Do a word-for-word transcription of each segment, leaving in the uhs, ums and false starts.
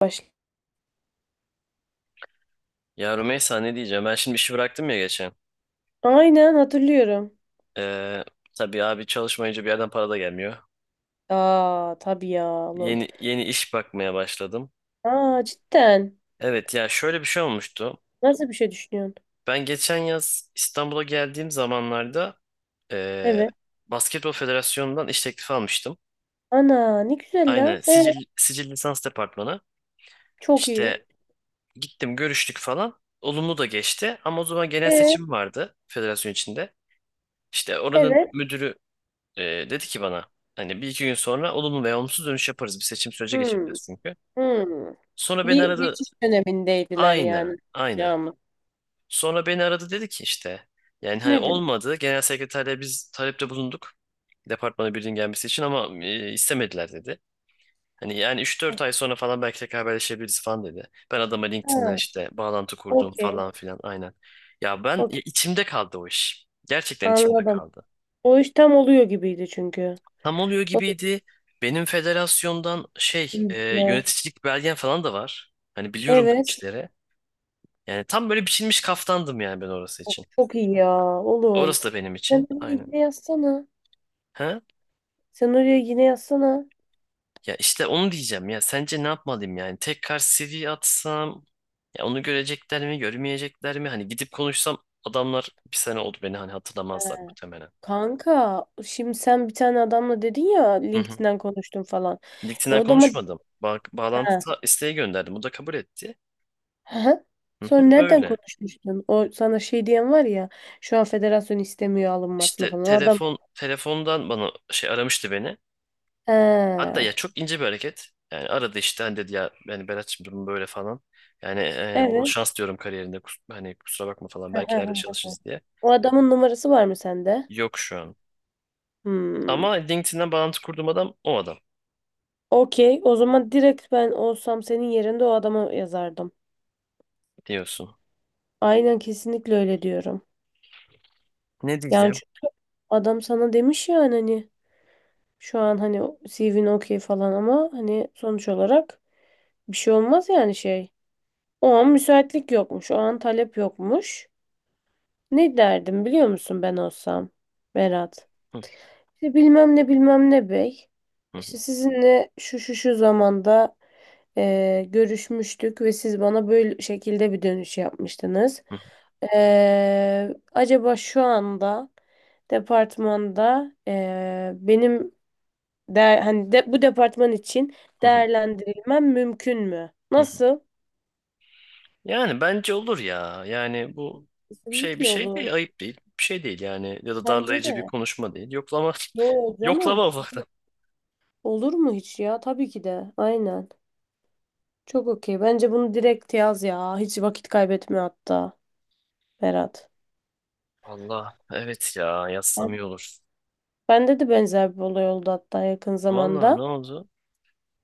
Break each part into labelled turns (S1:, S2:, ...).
S1: Baş...
S2: Ya Rümeysa ne diyeceğim? Ben şimdi işi bıraktım ya geçen.
S1: Aynen hatırlıyorum.
S2: Ee, tabii abi çalışmayınca bir yerden para da gelmiyor.
S1: Aa, tabii ya oğlum.
S2: Yeni yeni iş bakmaya başladım.
S1: Aa, cidden.
S2: Evet ya şöyle bir şey olmuştu.
S1: Nasıl bir şey düşünüyorsun?
S2: Ben geçen yaz İstanbul'a geldiğim zamanlarda ee,
S1: Evet.
S2: Basketbol Federasyonu'ndan iş teklifi almıştım.
S1: Ana ne güzel
S2: Aynen
S1: lan. E,
S2: sicil, sicil lisans departmanı.
S1: çok iyi.
S2: İşte gittim görüştük falan. Olumlu da geçti ama o zaman genel
S1: E,
S2: seçim vardı federasyon içinde. İşte oranın
S1: evet.
S2: müdürü Ee, dedi ki bana hani bir iki gün sonra olumlu veya olumsuz dönüş yaparız. Bir seçim süreci
S1: Hmm,
S2: geçireceğiz çünkü.
S1: hmm.
S2: Sonra beni
S1: Bir
S2: aradı.
S1: geçiş dönemindeydiler
S2: Aynen,
S1: yani.
S2: aynen.
S1: Ya mı?
S2: Sonra beni aradı dedi ki işte yani hani
S1: Ne dedim?
S2: olmadı. Genel sekreterle biz talepte bulunduk. Departmana birinin gelmesi için ama e, istemediler dedi. Hani yani üç dört ay sonra falan belki tekrar haberleşebiliriz falan dedi. Ben adama
S1: Ha,
S2: LinkedIn'den işte bağlantı kurdum
S1: okey.
S2: falan filan aynen. Ya ben ya
S1: Okey.
S2: içimde kaldı o iş. Gerçekten içimde
S1: Anladım.
S2: kaldı.
S1: O iş tam oluyor gibiydi çünkü.
S2: Tam oluyor
S1: O da
S2: gibiydi. Benim federasyondan şey e,
S1: iyiymiş ya.
S2: yöneticilik belgen falan da var. Hani biliyorum da
S1: Evet.
S2: içlere. Yani tam böyle biçilmiş kaftandım yani ben orası
S1: Çok,
S2: için.
S1: çok iyi ya oğlum.
S2: Orası da benim
S1: Sen
S2: için.
S1: oraya
S2: Aynen.
S1: yine yazsana.
S2: Ha?
S1: Sen oraya yine yazsana.
S2: Ya işte onu diyeceğim ya. Sence ne yapmalıyım yani? Tekrar C V atsam ya onu görecekler mi, görmeyecekler mi? Hani gidip konuşsam adamlar bir sene oldu beni hani
S1: He.
S2: hatırlamazlar muhtemelen.
S1: Kanka, şimdi sen bir tane adamla dedin ya,
S2: Hı hı.
S1: LinkedIn'den konuştum falan. E
S2: LinkedIn'den
S1: o da mı?
S2: konuşmadım. Ba
S1: He.
S2: bağlantı ta- isteği gönderdim. O da kabul etti.
S1: He.
S2: Hı
S1: Sonra
S2: hı.
S1: nereden
S2: Öyle.
S1: konuşmuştun? O sana şey diyen var ya, şu an federasyon istemiyor alınmasını
S2: İşte
S1: falan. O adam.
S2: telefon telefondan bana şey aramıştı beni.
S1: He.
S2: Hatta ya çok ince bir hareket. Yani aradı işte hani dedi ya yani Berat'cığım durum böyle falan. Yani e, bol
S1: Evet.
S2: şans diyorum kariyerinde. Kus- hani kusura bakma falan
S1: Hı hı
S2: belki ileride
S1: hı.
S2: çalışırız diye.
S1: O adamın numarası var mı sende?
S2: Yok şu an.
S1: Hmm.
S2: Ama LinkedIn'den bağlantı kurduğum adam o adam
S1: Okey. O zaman direkt ben olsam senin yerinde o adama yazardım.
S2: diyorsun.
S1: Aynen, kesinlikle öyle diyorum.
S2: Ne
S1: Yani
S2: diyeceğim?
S1: çünkü adam sana demiş yani hani, şu an hani C V'nin okey falan ama hani sonuç olarak bir şey olmaz yani şey. O an müsaitlik yokmuş. O an talep yokmuş. Ne derdim biliyor musun ben olsam, Berat?
S2: Hı,
S1: İşte bilmem ne bilmem ne bey.
S2: hı,
S1: İşte sizinle şu şu şu zamanda eee, görüşmüştük ve siz bana böyle şekilde bir dönüş yapmıştınız.
S2: hı, hı,
S1: Eee, acaba şu anda departmanda eee, benim de, hani de, bu departman için
S2: hı,
S1: değerlendirilmem mümkün mü?
S2: hı. Hı.
S1: Nasıl?
S2: Yani bence olur ya. Yani bu şey bir
S1: Kesinlikle
S2: şey
S1: olur.
S2: değil, ayıp değil. Bir şey değil yani ya da
S1: Bence
S2: darlayıcı bir
S1: de.
S2: konuşma değil. Yoklama
S1: Yo canım.
S2: yoklama
S1: Olur mu hiç ya? Tabii ki de. Aynen. Çok okey. Bence bunu direkt yaz ya. Hiç vakit kaybetme hatta, Berat.
S2: Allah evet ya yazsam
S1: Ben-
S2: iyi olur.
S1: Bende de benzer bir olay oldu hatta yakın
S2: Vallahi ne
S1: zamanda.
S2: oldu?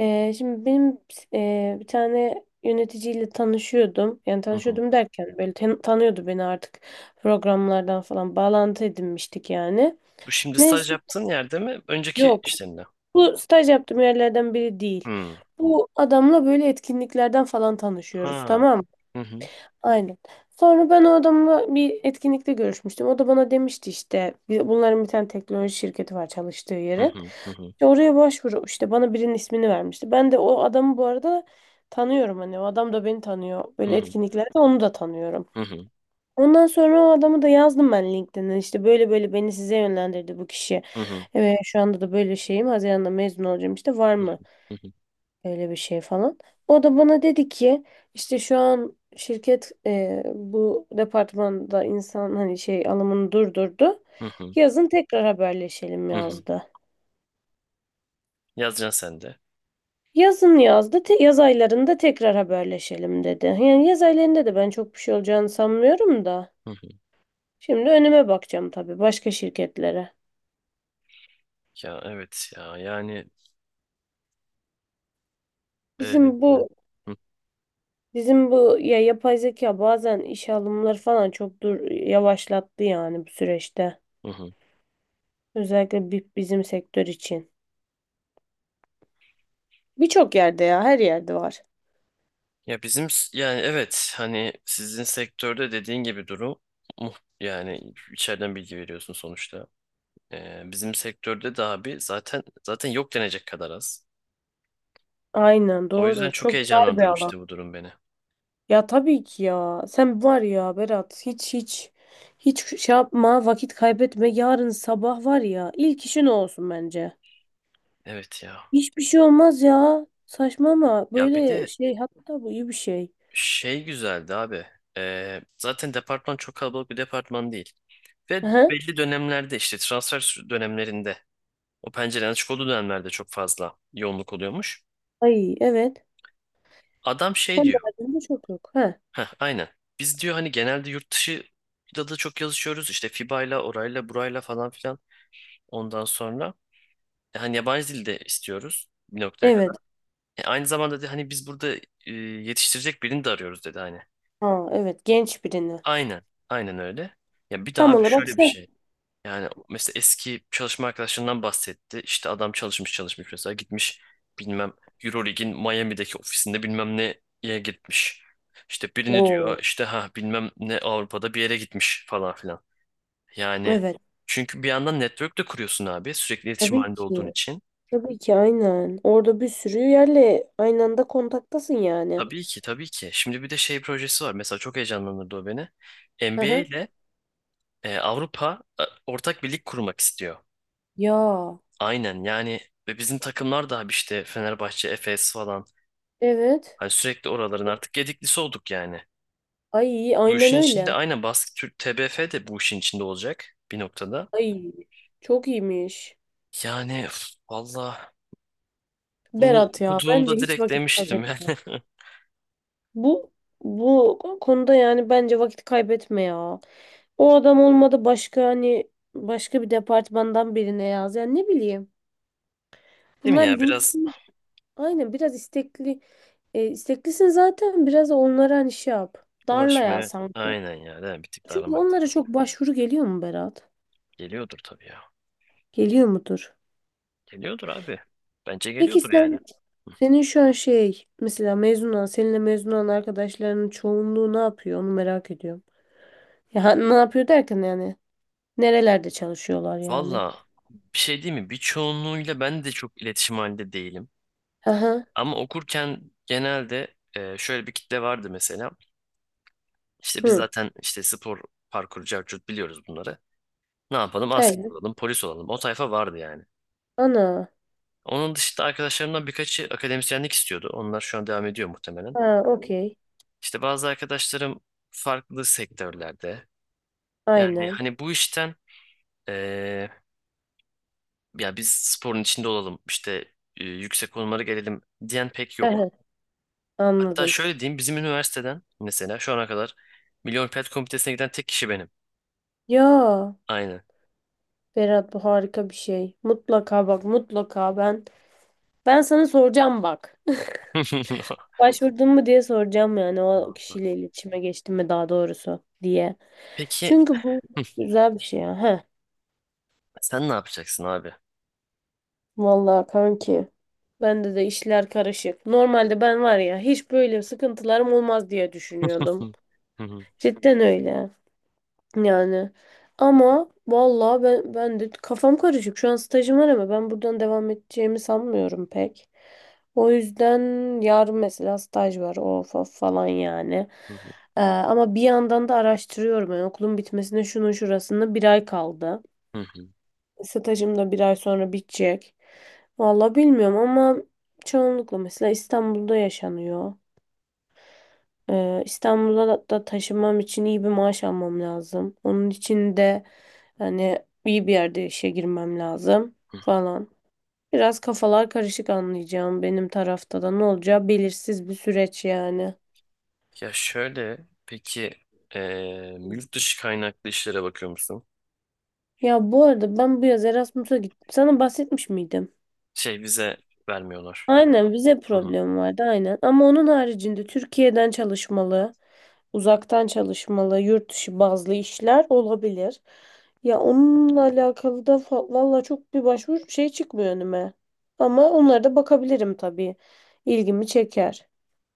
S1: Ee, şimdi benim e, bir tane yöneticiyle tanışıyordum. Yani
S2: Hı hı.
S1: tanışıyordum derken böyle tan- tanıyordu beni artık, programlardan falan bağlantı edinmiştik yani.
S2: Bu şimdi staj
S1: Neyse,
S2: yaptığın yerde mi? Önceki
S1: yok.
S2: işlerinde.
S1: Bu staj yaptığım yerlerden biri değil.
S2: Hı.
S1: Bu adamla böyle etkinliklerden falan tanışıyoruz,
S2: Ha.
S1: tamam mı?
S2: Hı hı.
S1: Aynen. Sonra ben o adamla bir etkinlikte görüşmüştüm. O da bana demişti işte bir- bunların bir tane teknoloji şirketi var çalıştığı
S2: Hı
S1: yerin.
S2: hı. Hı hı.
S1: İşte oraya başvuru işte bana birinin ismini vermişti. Ben de o adamı bu arada tanıyorum, hani o adam da beni tanıyor.
S2: Hı
S1: Böyle
S2: hı.
S1: etkinliklerde onu da tanıyorum.
S2: Hı hı.
S1: Ondan sonra o adamı da yazdım ben LinkedIn'e. İşte böyle böyle beni size yönlendirdi bu kişi.
S2: Hı hı.
S1: Evet, şu anda da böyle şeyim. Haziran'da mezun olacağım, işte var
S2: Hı
S1: mı
S2: hı.
S1: böyle bir şey falan. O da bana dedi ki işte şu an şirket e, bu departmanda insan hani şey alımını durdurdu.
S2: Hı hı.
S1: Yazın tekrar haberleşelim
S2: Hı hı.
S1: yazdı.
S2: Yazacaksın sen de.
S1: Yazın yazdı. Te- yaz aylarında tekrar haberleşelim dedi. Yani yaz aylarında da ben çok bir şey olacağını sanmıyorum da.
S2: Hı hı.
S1: Şimdi önüme bakacağım tabii, başka şirketlere.
S2: Ya evet ya yani e, e,
S1: Bizim
S2: hı
S1: bu bizim bu ya, yapay zeka bazen işe alımları falan çok dur yavaşlattı yani bu süreçte.
S2: hı. Hı.
S1: Özellikle bi- bizim sektör için. Birçok yerde ya, her yerde var.
S2: Ya bizim s- yani evet hani sizin sektörde dediğin gibi durum muh- yani içeriden bilgi veriyorsun sonuçta. Ee, bizim sektörde de abi zaten zaten yok denecek kadar az.
S1: Aynen,
S2: O yüzden
S1: doğru.
S2: çok
S1: Çok dar bir alan.
S2: heyecanlandırmıştı bu durum beni.
S1: Ya tabii ki ya. Sen var ya Berat, hiç hiç hiç şey yapma, vakit kaybetme. Yarın sabah var ya, ilk işin o olsun bence.
S2: Evet ya.
S1: Hiçbir şey olmaz ya. Saçma ama
S2: Ya bir
S1: böyle
S2: de
S1: şey, hatta bu iyi bir şey.
S2: şey güzeldi abi. Ee, zaten departman çok kalabalık bir departman değil. Ve
S1: Aha.
S2: belli dönemlerde işte transfer sü- dönemlerinde o pencerenin açık olduğu dönemlerde çok fazla yoğunluk oluyormuş.
S1: Ay evet.
S2: Adam şey
S1: Onun
S2: diyor.
S1: haricinde çok yok. Ha.
S2: Heh, aynen. Biz diyor hani genelde yurt dışı da da çok yazışıyoruz. İşte FIBA'yla, orayla, burayla falan filan. Ondan sonra E, Hani yabancı dil de istiyoruz bir noktaya kadar.
S1: Evet.
S2: E, aynı zamanda da hani biz burada e, yetiştirecek birini de arıyoruz dedi hani.
S1: Ha, evet, genç birini.
S2: Aynen, aynen öyle. Ya bir daha
S1: Tam
S2: abi
S1: olarak
S2: şöyle bir
S1: sen.
S2: şey. Yani mesela eski çalışma arkadaşlarından bahsetti. İşte adam çalışmış çalışmış mesela gitmiş bilmem Euroleague'in Miami'deki ofisinde bilmem neye gitmiş. İşte birini diyor
S1: Oo,
S2: işte ha bilmem ne Avrupa'da bir yere gitmiş falan filan. Yani
S1: evet.
S2: çünkü bir yandan network de kuruyorsun abi sürekli iletişim
S1: Tabii
S2: halinde olduğun
S1: ki.
S2: için.
S1: Tabii ki, aynen. Orada bir sürü yerle aynı anda kontaktasın yani.
S2: Tabii ki tabii ki. Şimdi bir de şey projesi var. Mesela çok heyecanlandırdı o beni. N B A
S1: Aha.
S2: ile e, Avrupa e, ortak bir lig kurmak istiyor.
S1: Ya.
S2: Aynen yani ve bizim takımlar da abi işte Fenerbahçe, Efes falan.
S1: Evet.
S2: Hani sürekli oraların artık gediklisi olduk yani.
S1: Ay
S2: Bu
S1: aynen
S2: işin içinde
S1: öyle.
S2: aynen Basket Türk T B F de bu işin içinde olacak bir noktada.
S1: Ay, çok iyiymiş.
S2: Yani üf, valla bunu
S1: Berat ya, bence
S2: okuduğumda
S1: hiç
S2: direkt
S1: vakit
S2: demiştim
S1: kaybetme.
S2: yani.
S1: Bu bu konuda yani bence vakit kaybetme ya. O adam olmadı, başka hani başka bir departmandan birine yaz. Yani ne bileyim.
S2: Değil mi
S1: Bunlar
S2: ya biraz
S1: LinkedIn, aynen biraz istekli. E, isteklisin zaten, biraz da onlara hani şey yap. Darla ya
S2: ulaşmaya
S1: sanki.
S2: aynen ya değil mi? Bir tık da
S1: Çünkü
S2: aramak
S1: onlara çok başvuru geliyor mu, Berat?
S2: geliyordur tabii ya.
S1: Geliyor mudur?
S2: Geliyordur abi. Bence
S1: Peki
S2: geliyordur yani.
S1: sen, senin şu an şey, mesela mezun olan seninle mezun olan arkadaşlarının çoğunluğu ne yapıyor onu merak ediyorum. Ya ne yapıyor derken yani, nerelerde çalışıyorlar yani?
S2: Valla bir şey değil mi? Birçoğunluğuyla ben de çok iletişim halinde değilim.
S1: Aha.
S2: Ama okurken genelde e, şöyle bir kitle vardı mesela. İşte biz
S1: Hı.
S2: zaten işte spor parkur carcut biliyoruz bunları. Ne yapalım? Asker
S1: Evet.
S2: olalım, polis olalım. O tayfa vardı yani.
S1: Ana.
S2: Onun dışında arkadaşlarımdan birkaçı akademisyenlik istiyordu. Onlar şu an devam ediyor muhtemelen.
S1: Ha, okey.
S2: İşte bazı arkadaşlarım farklı sektörlerde. Yani
S1: Aynen.
S2: hani bu işten e, ya biz sporun içinde olalım işte e, yüksek konumlara gelelim diyen pek yok.
S1: Aha,
S2: Hatta
S1: anladım.
S2: şöyle diyeyim bizim üniversiteden mesela şu ana kadar Milli Olimpiyat Komitesi'ne giden tek kişi benim.
S1: Ya
S2: Aynen.
S1: Berat, bu harika bir şey. Mutlaka bak, mutlaka ben, ben sana soracağım bak. Başvurdun mu diye soracağım yani, o
S2: Vallahi.
S1: kişiyle iletişime geçtim mi daha doğrusu diye.
S2: Peki
S1: Çünkü bu
S2: hı,
S1: güzel bir şey ya. Heh.
S2: sen ne yapacaksın abi?
S1: Vallahi kanki. Bende de işler karışık. Normalde ben var ya, hiç böyle sıkıntılarım olmaz diye düşünüyordum.
S2: Hı hı, hı hı,
S1: Cidden öyle. Yani ama vallahi ben, ben de kafam karışık. Şu an stajım var ama ben buradan devam edeceğimi sanmıyorum pek. O yüzden yarın mesela staj var, of of falan yani.
S2: hı
S1: Ee, ama bir yandan da araştırıyorum. Yani okulun bitmesine şunun şurasında bir ay kaldı.
S2: hı,
S1: Stajım da bir ay sonra bitecek. Vallahi bilmiyorum ama çoğunlukla mesela İstanbul'da yaşanıyor. Ee, İstanbul'a da da taşınmam için iyi bir maaş almam lazım. Onun için de hani iyi bir yerde işe girmem lazım
S2: hı hı.
S1: falan. Biraz kafalar karışık, anlayacağım benim tarafta da ne olacağı belirsiz bir süreç yani.
S2: Ya şöyle peki e, yurt dışı kaynaklı işlere bakıyor musun?
S1: Ya bu arada ben bu yaz Erasmus'a gittim. Sana bahsetmiş miydim?
S2: Şey vize vermiyorlar.
S1: Aynen, vize
S2: Hı hı.
S1: problemi vardı aynen. Ama onun haricinde Türkiye'den çalışmalı, uzaktan çalışmalı, yurt dışı bazlı işler olabilir. Ya onunla alakalı da fa- valla çok bir başvuru şey çıkmıyor önüme. Ama onlara da bakabilirim tabii. İlgimi çeker.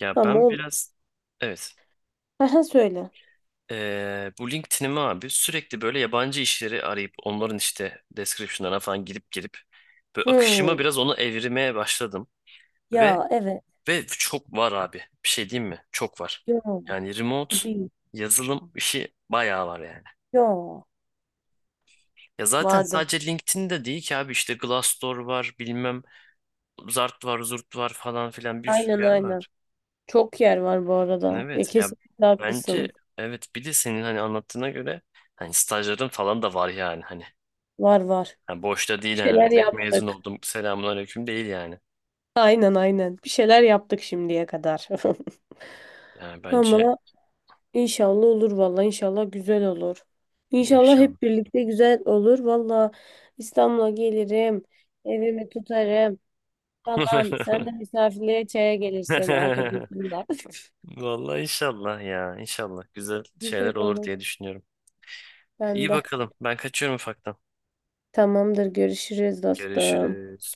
S2: Ya
S1: Ama
S2: ben
S1: ol
S2: biraz evet.
S1: aha, söyle.
S2: Ee, bu LinkedIn'imi abi sürekli böyle yabancı işleri arayıp onların işte description'larına falan gidip gelip böyle
S1: Hmm.
S2: akışımı biraz onu evirmeye başladım ve
S1: Ya evet.
S2: ve çok var abi. Bir şey diyeyim mi? Çok var.
S1: Yo,
S2: Yani remote
S1: tabii.
S2: yazılım işi bayağı var yani.
S1: Yo.
S2: Ya zaten
S1: Vardır.
S2: sadece LinkedIn'de değil ki abi işte Glassdoor var, bilmem Zart var, Zurt var falan filan bir sürü
S1: Aynen,
S2: yer
S1: aynen.
S2: var.
S1: Çok yer var bu arada. Ya
S2: Evet ya
S1: kesinlikle
S2: bence
S1: haklısın.
S2: evet bir de senin hani anlattığına göre hani stajların falan da var yani hani.
S1: Var var.
S2: Ha, boşta
S1: Bir
S2: değil yani. Öyle
S1: şeyler
S2: direkt mezun
S1: yaptık.
S2: oldum. Selamünaleyküm değil yani.
S1: Aynen, aynen. Bir şeyler yaptık şimdiye kadar.
S2: Yani bence
S1: Ama inşallah olur valla. İnşallah güzel olur. İnşallah
S2: inşallah
S1: hep birlikte güzel olur. Valla İstanbul'a gelirim. Evimi tutarım falan. Sen de misafirliğe çaya gelirsin arkadaşınla.
S2: Vallahi inşallah ya. İnşallah güzel şeyler
S1: Güzel
S2: olur
S1: olur.
S2: diye düşünüyorum.
S1: Ben
S2: İyi
S1: de.
S2: bakalım. Ben kaçıyorum ufaktan.
S1: Tamamdır. Görüşürüz, dostum.
S2: Görüşürüz.